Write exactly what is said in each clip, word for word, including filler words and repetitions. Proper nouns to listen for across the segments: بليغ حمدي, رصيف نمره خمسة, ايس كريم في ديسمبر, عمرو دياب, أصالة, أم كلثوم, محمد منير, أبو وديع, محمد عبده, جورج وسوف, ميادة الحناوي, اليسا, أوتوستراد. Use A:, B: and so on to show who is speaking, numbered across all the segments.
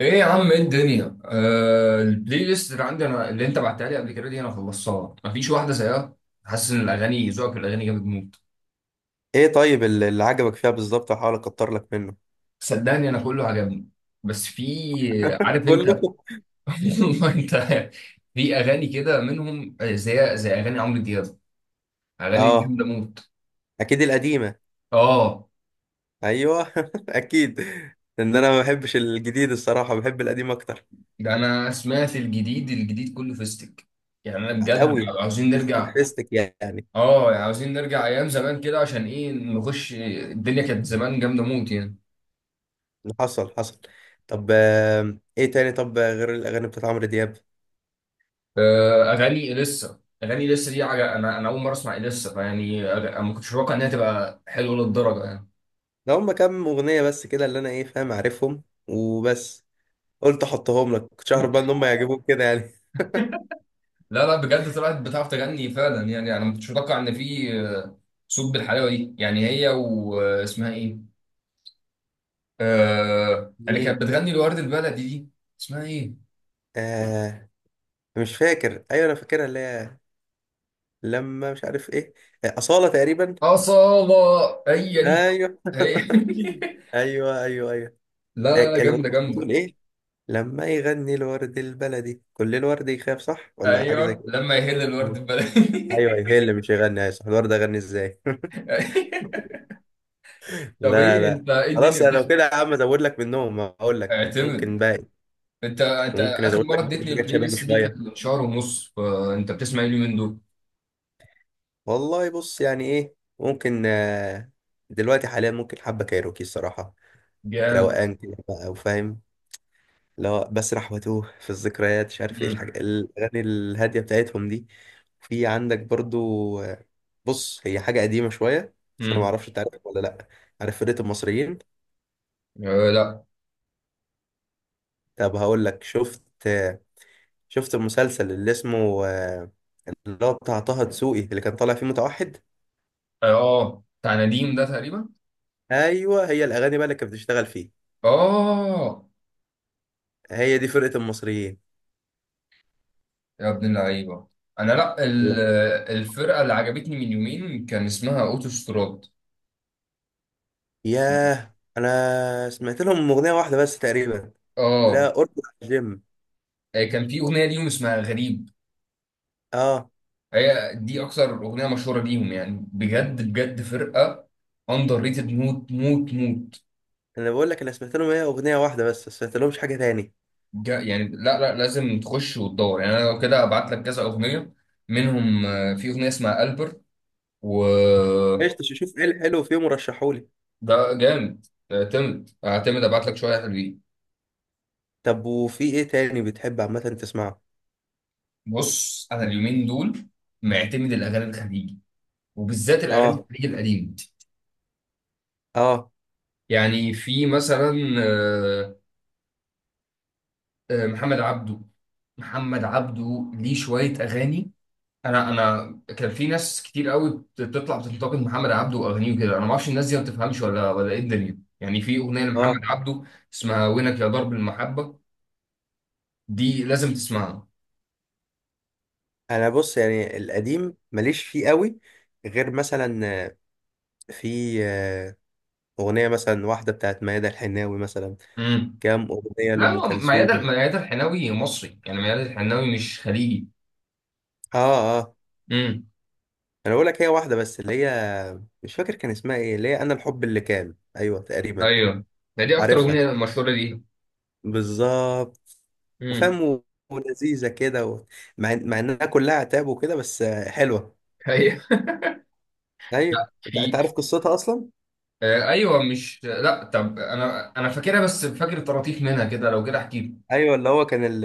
A: ايه يا عم، ايه الدنيا. آه البلاي ليست اللي عندي انا، اللي انت بعتها لي قبل كده دي، انا خلصتها. مفيش واحده زيها. حاسس ان الاغاني ذوقك في الاغاني جامد موت.
B: ايه، طيب، اللي اللي عجبك فيها بالظبط؟ هحاول اكتر لك منه.
A: صدقني انا كله عجبني، بس في، عارف
B: كله.
A: انت والله انت. في اغاني كده منهم، آه، زي زي اغاني عمرو دياب. اغاني دي
B: اه،
A: جامده موت.
B: اكيد القديمه.
A: اه.
B: ايوه اكيد. ان انا ما بحبش الجديد الصراحه، بحب القديم اكتر.
A: ده انا سمعت الجديد، الجديد كله فيستك، يعني انا بجد
B: قوي.
A: عاوزين
B: فيستك
A: نرجع.
B: فيستك يعني.
A: اه، يعني عاوزين نرجع ايام زمان كده، عشان ايه، نخش، الدنيا كانت زمان جامده موت يعني.
B: حصل حصل. طب، آم، ايه تاني؟ طب غير الاغاني بتاعت عمرو دياب؟
A: آه، اغاني اليسا اغاني اليسا دي عج... انا انا اول مره اسمع اليسا، فيعني أغ- انا ما كنتش متوقع انها تبقى حلوه للدرجه يعني.
B: ده هم كام اغنيه بس كده اللي انا ايه فاهم، عارفهم وبس. قلت احطهم لك، كنتش اعرف بقى ان هم يعجبوك كده يعني.
A: لا لا، بجد طلعت بتعرف تغني فعلا يعني. انا ما كنتش متوقع ان في، آه، صوت بالحلاوه دي يعني. هي واسمها ايه؟ آه اللي
B: مين؟
A: كانت بتغني الورد البلدي دي، اسمها ايه؟
B: آه، مش فاكر. ايوه انا فاكرها اللي هي لما مش عارف ايه. آه، اصاله تقريبا.
A: اصاله. هي دي.
B: ايوه.
A: هي
B: ايوه، ايوه، ايوه.
A: لا
B: أي-
A: لا لا،
B: الأغنية
A: جامده
B: كانت بتقول
A: جامده.
B: ايه؟ لما يغني الورد البلدي كل الورد يخاف، صح ولا حاجه زي
A: ايوه،
B: كده؟
A: لما يهل الورد
B: ايوه.
A: البلدي
B: أيوة، هي اللي مش يغني. ايوه صح، الورد اغني ازاي؟
A: طب
B: لا،
A: ايه
B: لا.
A: انت، ايه الدنيا
B: خلاص، انا لو
A: بتسمع؟
B: كده يا عم ازود لك منهم، اقول لك.
A: اعتمد.
B: ممكن باقي.
A: انت انت
B: ممكن
A: اخر
B: ازود
A: مره
B: لك برضه
A: اديتني
B: حاجات
A: البلاي
B: شبابي
A: ليست دي كانت
B: شويه.
A: من شهر ونص، فانت بتسمع ايه اليومين دول؟
B: والله بص يعني ايه ممكن، آه، دلوقتي حاليا ممكن حبه كايروكي الصراحه.
A: جامد.
B: روقان كده بقى وفاهم. لا، بسرح واتوه في الذكريات مش عارف ايه الحاجة،
A: امم.
B: الأغاني الهادية بتاعتهم دي. في عندك برضو، آه، بص هي حاجة قديمة شوية. بس أنا
A: امم.
B: معرفش أنت عارف ولا لأ. عارف فرقة المصريين؟
A: آه. لا.
B: طب هقول لك، شفت، آه، شفت المسلسل اللي اسمه، آه، اللي هو بتاع طه دسوقي اللي كان طالع فيه متوحد؟
A: اه، بتاع نديم ده تقريبا.
B: أيوه، هي الأغاني بقى اللي كانت بتشتغل فيه.
A: اه.
B: هي دي فرقة المصريين.
A: يا ابن اللعيبه. انا، لا، ال-
B: لا.
A: الفرقه اللي عجبتني من يومين كان اسمها اوتوستراد.
B: ياه. أنا سمعت لهم أغنية واحدة بس تقريبا.
A: اه.
B: لا أرجع الجيم.
A: آه، كان في اغنيه ليهم اسمها غريب.
B: اه،
A: هي دي اكثر اغنيه مشهوره ليهم، يعني بجد بجد، فرقه اندر ريتد موت موت موت.
B: انا بقول لك انا سمعت لهم هي اغنيه واحده بس، ما سمعت لهمش حاجه تاني.
A: جا يعني، لا لا، لازم تخش وتدور يعني. انا لو كده ابعت لك كذا اغنيه منهم، آه، في اغنيه اسمها البر، و...
B: قشطه، شوف ايه الحلو فيهم ورشحولي.
A: ده جامد. اعتمد اعتمد، ابعت لك شويه حلوين.
B: طب وفي ايه تاني بتحب عامه تسمعه؟
A: بص انا اليومين دول معتمد الاغاني الخليجي، وبالذات الاغاني
B: اه،
A: الخليجي القديمه.
B: اه،
A: يعني في مثلا، آه، آه، محمد عبده. محمد عبده ليه شويه اغاني. انا انا كان في ناس كتير قوي بتطلع بتنتقد محمد عبده واغانيه وكده. انا ما اعرفش الناس دي ما بتفهمش ولا ولا ايه الدنيا يعني. في اغنيه لمحمد
B: اه.
A: عبده اسمها وينك يا ضرب المحبه، دي لازم تسمعها.
B: انا بص يعني القديم ماليش فيه قوي، غير مثلا، آه، في آه، اغنيه مثلا واحده بتاعت ميادة الحناوي مثلا.
A: امم.
B: كام اغنيه
A: لا،
B: لام
A: هو ميادة،
B: كلثوم.
A: ميادة الحناوي مصري. يعني ميادة الحناوي مش خليجي.
B: اه، اه.
A: امم.
B: انا بقول لك هي واحده بس اللي هي مش فاكر كان اسمها ايه، اللي هي انا الحب اللي كان، ايوه تقريبا.
A: ايوه، ده دي اكتر
B: عارفها.
A: اغنيه مشهوره دي.
B: بالظبط
A: امم.
B: وفاهم، و- ولذيذه كده، و... مع مع انها كلها عتاب وكده بس آه، حلوه.
A: ايوه.
B: ايوه،
A: لا،
B: انت أنت
A: في،
B: عارف قصتها اصلا؟
A: آه، ايوه، مش، لا، طب انا، انا فاكرها بس فاكر طراطيف منها كده، لو كده احكي.
B: ايوه، اللي هو كان ال...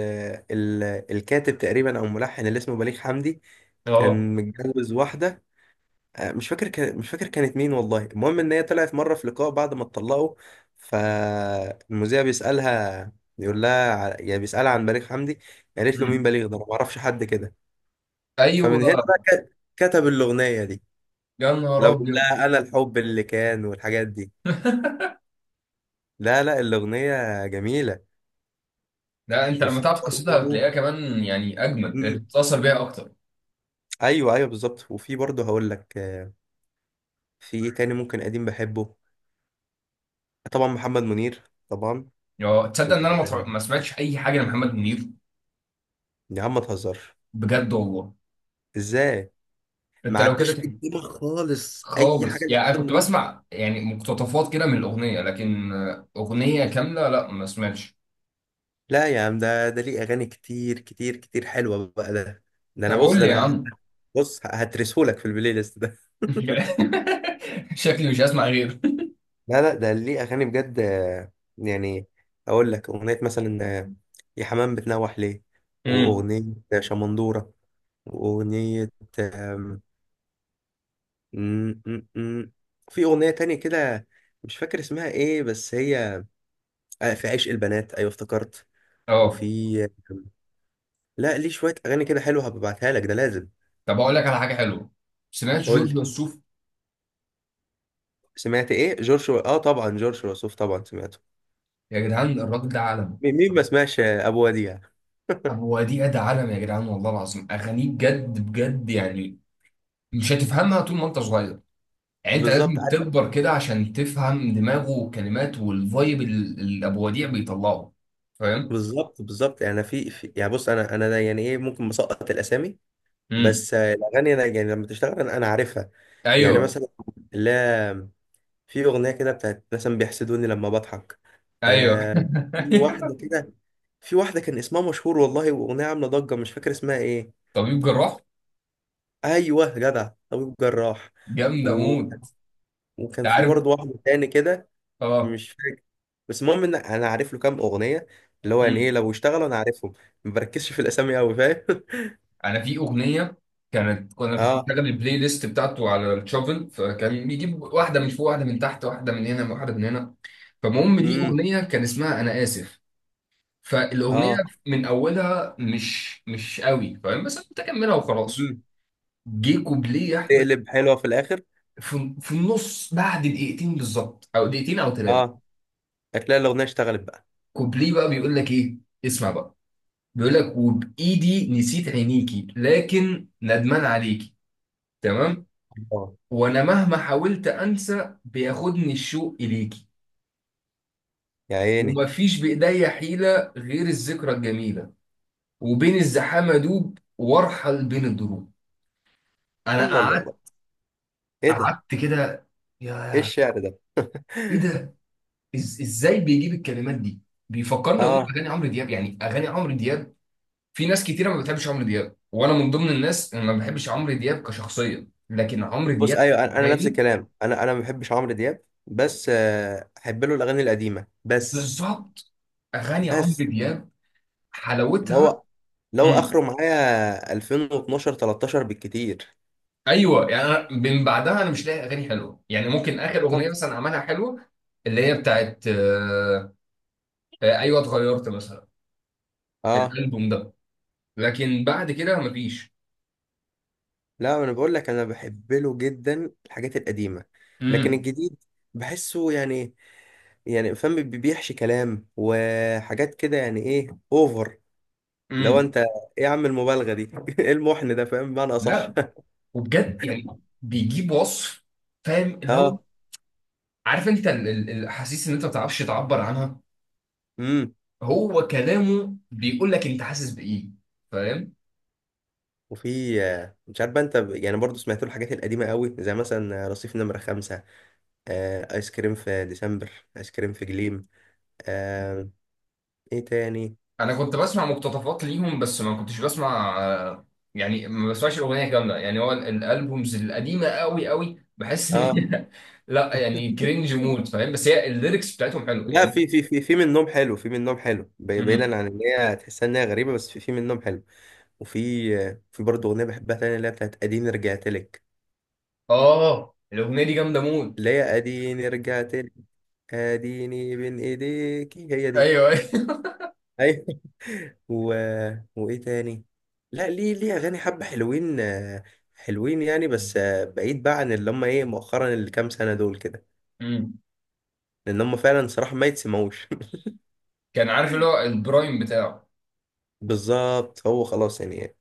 B: ال... الكاتب تقريبا او الملحن اللي اسمه بليغ حمدي.
A: اه.
B: كان متجوز واحده، آه، مش فاكر كان... مش فاكر كانت مين والله. المهم ان هي طلعت مره في لقاء بعد ما اتطلقوا. فالمذيع بيسالها، بيقول لها، ع- يعني بيسالها عن بليغ حمدي. قالت له مين
A: امم.
B: بليغ ده، انا ما اعرفش حد كده.
A: ايوه.
B: فمن هنا بقى ك- كتب الاغنيه دي.
A: يا نهار
B: لو بيقول
A: ابيض
B: لها انا الحب اللي كان والحاجات دي. لا، لا، الاغنيه جميله.
A: لا، انت لما
B: وفي
A: تعرف قصتها
B: برضه.
A: هتلاقيها كمان يعني اجمد،
B: مم.
A: تتاثر بيها اكتر.
B: ايوه، ايوه، بالظبط. وفي برضه هقول لك، آه، في ايه تاني ممكن قديم بحبه. طبعا محمد منير. طبعا.
A: يا تصدق ان
B: طب-
A: انا ما اتفرج-
B: آه،
A: ما سمعتش اي حاجه لمحمد منير.
B: يا عم ما تهزرش.
A: بجد والله.
B: ازاي؟ ما
A: انت لو كده
B: عداش
A: تحكي.
B: قدامك خالص اي حاجه
A: خالص، يعني
B: لمحمد
A: انا كنت
B: منير؟
A: بسمع يعني مقتطفات كده من الاغنيه، لكن آه، اغنيه كامله لا، ما سمعتش.
B: لا يا عم، ده ده ليه اغاني كتير كتير كتير حلوه بقى ده. ده انا
A: طب
B: بص
A: قول
B: ده
A: لي يا
B: انا
A: عم.
B: بص هترسهولك في البلاي ليست ده.
A: شكلي مش هسمع غيره.
B: لا، لا، ده ليه اغاني بجد، آه، يعني اقول لك اغنيه مثلا، آه، يا حمام بتنوح ليه،
A: امم.
B: واغنيه شمندوره، واغنيه آم، م- م- م. في اغنيه تانية كده مش فاكر اسمها ايه بس هي، آه، في عشق البنات، ايوه افتكرت.
A: اه.
B: وفي، لا ليه شويه اغاني كده حلوه هبعتها لك، ده لازم.
A: طب اقول لك على حاجه حلوه. سمعت
B: قول
A: جورج
B: لي.
A: وسوف؟
B: سمعت ايه؟ جورج و... اه طبعا، جورج وسوف طبعا سمعته.
A: يا جدعان الراجل ده عالم.
B: مين مين ما سمعش، آه، ابو وديع.
A: هو دي أدى عالم يا جدعان، والله العظيم أغانيه بجد بجد يعني. مش هتفهمها طول ما أنت صغير. يعني أنت
B: بالظبط،
A: لازم تكبر كده عشان تفهم دماغه والكلمات والفايب ال- اللي أبو وديع بيطلعه. فاهم؟
B: بالظبط، بالظبط. يعني في, في يعني بص انا انا ده يعني ايه ممكن مسقط الاسامي،
A: امم.
B: بس آه، الاغاني انا يعني لما تشتغل انا أنا عارفها. يعني
A: أيوه.
B: مثلا، لا، في اغنيه كده بتاعت مثلا بيحسدوني لما بضحك.
A: أيوه
B: آه. في واحده كده. في واحده كان اسمها مشهور والله، واغنيه عامله ضجه مش فاكر اسمها ايه.
A: طبيب جراح.
B: ايوه جدع، طبيب جراح.
A: جامدة
B: و...
A: موت.
B: وكان
A: أنت
B: في
A: عارف.
B: برضه واحد تاني كده.
A: أه.
B: مش فاكر، بس المهم ان انا عارف له كام اغنيه، اللي هو يعني ايه
A: امم.
B: لو اشتغلوا انا عارفهم. ما بركزش في الاسامي قوي، فاهم.
A: أنا في أغنية، كانت كنا كنت
B: اه.
A: بشغل البلاي ليست بتاعته على الشوفل، فكان بيجيب واحدة من فوق، واحدة من تحت، واحدة من هنا، واحدة من هنا. فالمهم، دي
B: امم.
A: أغنية كان اسمها أنا آسف. فالاغنيه
B: اه.
A: من اولها مش مش قوي فاهم، بس انا كنت اكملها وخلاص.
B: امم.
A: جه كوبليه يا احمد.
B: تقلب حلوه في الاخر.
A: في, في النص، بعد دقيقتين بالظبط، او دقيقتين او ثلاثه.
B: اه، هتلاقي الاغنيه اشتغلت بقى.
A: كوبليه بقى بيقول لك ايه؟ اسمع بقى. بيقول لك: وبايدي نسيت عينيكي لكن ندمان عليكي. تمام.
B: الله.
A: وانا مهما حاولت انسى بياخدني الشوق اليكي.
B: يا عيني.
A: ومفيش بايديا حيله غير الذكرى الجميله. وبين الزحام ادوب وارحل بين الدروب. انا
B: الله، الله، الله.
A: قعدت.
B: ايه ده؟
A: قعدت كده. يا...
B: ايه الشعر ده؟
A: ايه ده. إز... ازاي بيجيب الكلمات دي. بيفكرني والله
B: اه
A: باغاني عمرو دياب. يعني اغاني عمرو دياب، في ناس كتيره ما بتحبش عمرو دياب، وانا من ضمن الناس اللي ما بحبش عمرو دياب كشخصيه، لكن عمرو
B: بص،
A: دياب
B: ايوه، انا أنا نفس
A: كأغاني.
B: الكلام، انا انا ما بحبش عمرو دياب بس آه، احب له الاغاني القديمه بس.
A: بالظبط. اغاني عمرو
B: بس
A: دياب
B: اللي
A: حلاوتها.
B: هو لو
A: امم.
B: اخره معايا ألفين واثنا عشر تلتاشر بالكتير.
A: ايوه، يعني أنا من بعدها انا مش لاقي اغاني حلوه يعني. ممكن اخر اغنيه
B: بالظبط.
A: مثلا عملها حلوه، اللي هي بتاعت آه، آه، ايوه اتغيرت مثلا،
B: اه،
A: الالبوم ده. لكن بعد كده مفيش.
B: لا انا بقول لك انا بحب له جدا الحاجات القديمه. لكن
A: امم.
B: الجديد بحسه يعني، يعني فاهم، بي- بيحشي كلام وحاجات كده يعني ايه، اوفر. لو
A: امم.
B: انت ايه؟ يا عم المبالغه دي ايه المحن ده؟ فاهم بمعنى اصح.
A: لا وبجد يعني، بيجيب وصف. فاهم اللي هو.
B: اه.
A: عارف انت ال- ال- الاحاسيس اللي انت ما تعرفش تعبر عنها.
B: امم.
A: هو كلامه بيقول لك انت حاسس بايه. فاهم.
B: وفي، آه، مش عارف بقى انت، ب- يعني برضو سمعت له الحاجات القديمه قوي، زي مثلا رصيف نمره خمسة، آه، ايس كريم في ديسمبر، ايس كريم في جليم، آه. ايه تاني؟
A: انا كنت بسمع مقتطفات ليهم بس ما كنتش بسمع، آه، يعني ما بسمعش الاغنيه كامله يعني. هو ال- الالبومز القديمه قوي قوي بحس ان
B: اه،
A: هي لا، يعني كرنج مود فاهم، بس هي الليركس بتاعتهم حلوه
B: لا،
A: يعني.
B: في في في في منهم حلو، في منهم حلو، بي-
A: مم.
B: بعيدا عن ان هي تحسها ان هي غريبه، بس في في منهم حلو. وفي، آه، في برضه اغنيه بحبها تانية اللي هي بتاعت اديني رجعت لك.
A: اه الاغنيه دي جامده مود.
B: ليه اديني رجعت لك، اديني بين ايديكي، هي دي.
A: ايوه
B: ايوه. و... وايه تاني؟ لا، ليه ليه اغاني حبه حلوين، آه، حلوين يعني، بس آه، بعيد بقى عن اللي هم ايه مؤخرا اللي كام سنه دول كده،
A: مم.
B: لان هم فعلا صراحه ما يتسمعوش.
A: كان عارف اللي هو البرايم بتاعه.
B: بالظبط، هو خلاص يعني،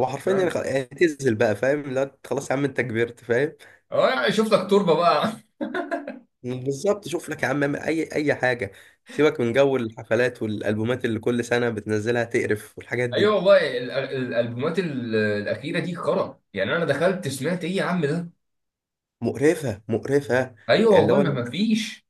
B: هو حرفيا يعني خ- يعني اعتزل بقى فاهم. لا، أنت خلاص يا عم، انت كبرت فاهم.
A: اه، يعني شفتك تربه بقى
B: بالظبط، شوف لك يا عم اعمل اي اي حاجه. سيبك من جو الحفلات والالبومات اللي كل سنه بتنزلها تقرف والحاجات دي.
A: ايوه والله ال- ال- الالبومات ال- الاخيره دي خرا يعني. انا دخلت سمعت ايه يا عم ده.
B: مقرفة، مقرفة.
A: ايوه
B: اللي
A: والله،
B: هو
A: ما ما فيش.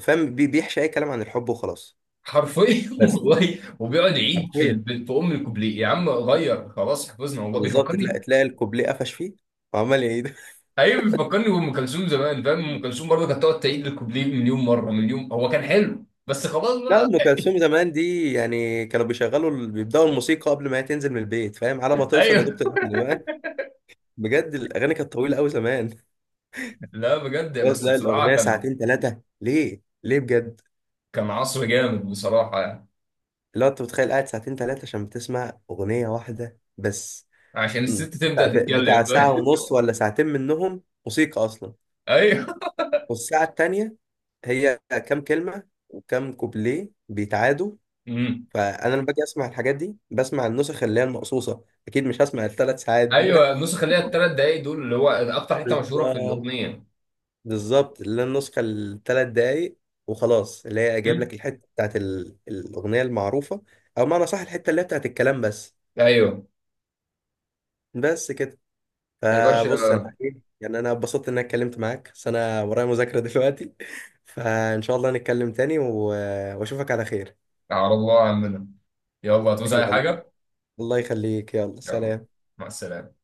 B: فاهم، بي- بيحشي أي كلام عن الحب وخلاص.
A: حرفيا
B: بس
A: والله، وبيقعد يعيد في
B: حرفيا.
A: ال- في ام الكوبليه يا عم، غير خلاص حفظنا والله.
B: بالظبط، تلاقي
A: بيفكرني.
B: تلاقي الكوبليه قفش فيه، وعمال يعيد.
A: ايوه، بيفكرني بام كلثوم زمان. فاهم، ام كلثوم برضه كانت تقعد تعيد الكوبليه مليون مره مليون. هو كان حلو، بس خلاص
B: لا،
A: بقى.
B: أم كلثوم زمان دي يعني كانوا بيشغلوا، ال- بيبدأوا الموسيقى قبل ما هي تنزل من البيت، فاهم، على ما توصل
A: ايوه.
B: لدكتور الابن بقى. بجد الأغاني كانت طويلة أوي زمان.
A: لا بجد،
B: اللي هو
A: بس
B: تلاقي
A: بصراحه
B: الأغنية
A: كان،
B: ساعتين، ثلاثة، ليه؟ ليه بجد؟
A: كان عصر جامد بصراحه يعني.
B: اللي هو أنت متخيل قاعد ساعتين ثلاثة عشان بتسمع أغنية واحدة بس.
A: عشان الست
B: بتاع
A: تبدا
B: بتاع
A: تتكلم
B: ساعة ونص ولا ساعتين منهم موسيقى أصلا.
A: ايوه.
B: والساعة التانية هي كام كلمة وكام كوبليه بيتعادوا.
A: مم.
B: فأنا لما باجي أسمع الحاجات دي بسمع النسخ اللي هي المقصوصة، أكيد مش هسمع الثلاث ساعات دي بقى.
A: ايوه، النسخ اللي هي الثلاث دقايق دول اللي هو اكتر حته مشهوره في
B: بالظبط،
A: الاغنيه.
B: بالظبط، اللي هي النسخة الثلاث دقايق وخلاص، اللي هي جايب
A: مم.
B: لك الحتة بتاعت ال- الأغنية المعروفة، أو معنى صح الحتة اللي هي بتاعت الكلام بس.
A: ايوه
B: بس كده.
A: يا
B: فبص أنا
A: باشا.
B: إيه يعني، أنا اتبسطت إن أنا اتكلمت معاك بس أنا ورايا مذاكرة دلوقتي. فإن شاء الله نتكلم تاني و- وأشوفك على خير.
A: على الله عننا. يلا، هتوزع اي
B: يلا.
A: حاجه.
B: الله يخليك، يلا،
A: يلا
B: سلام.
A: مع السلامه.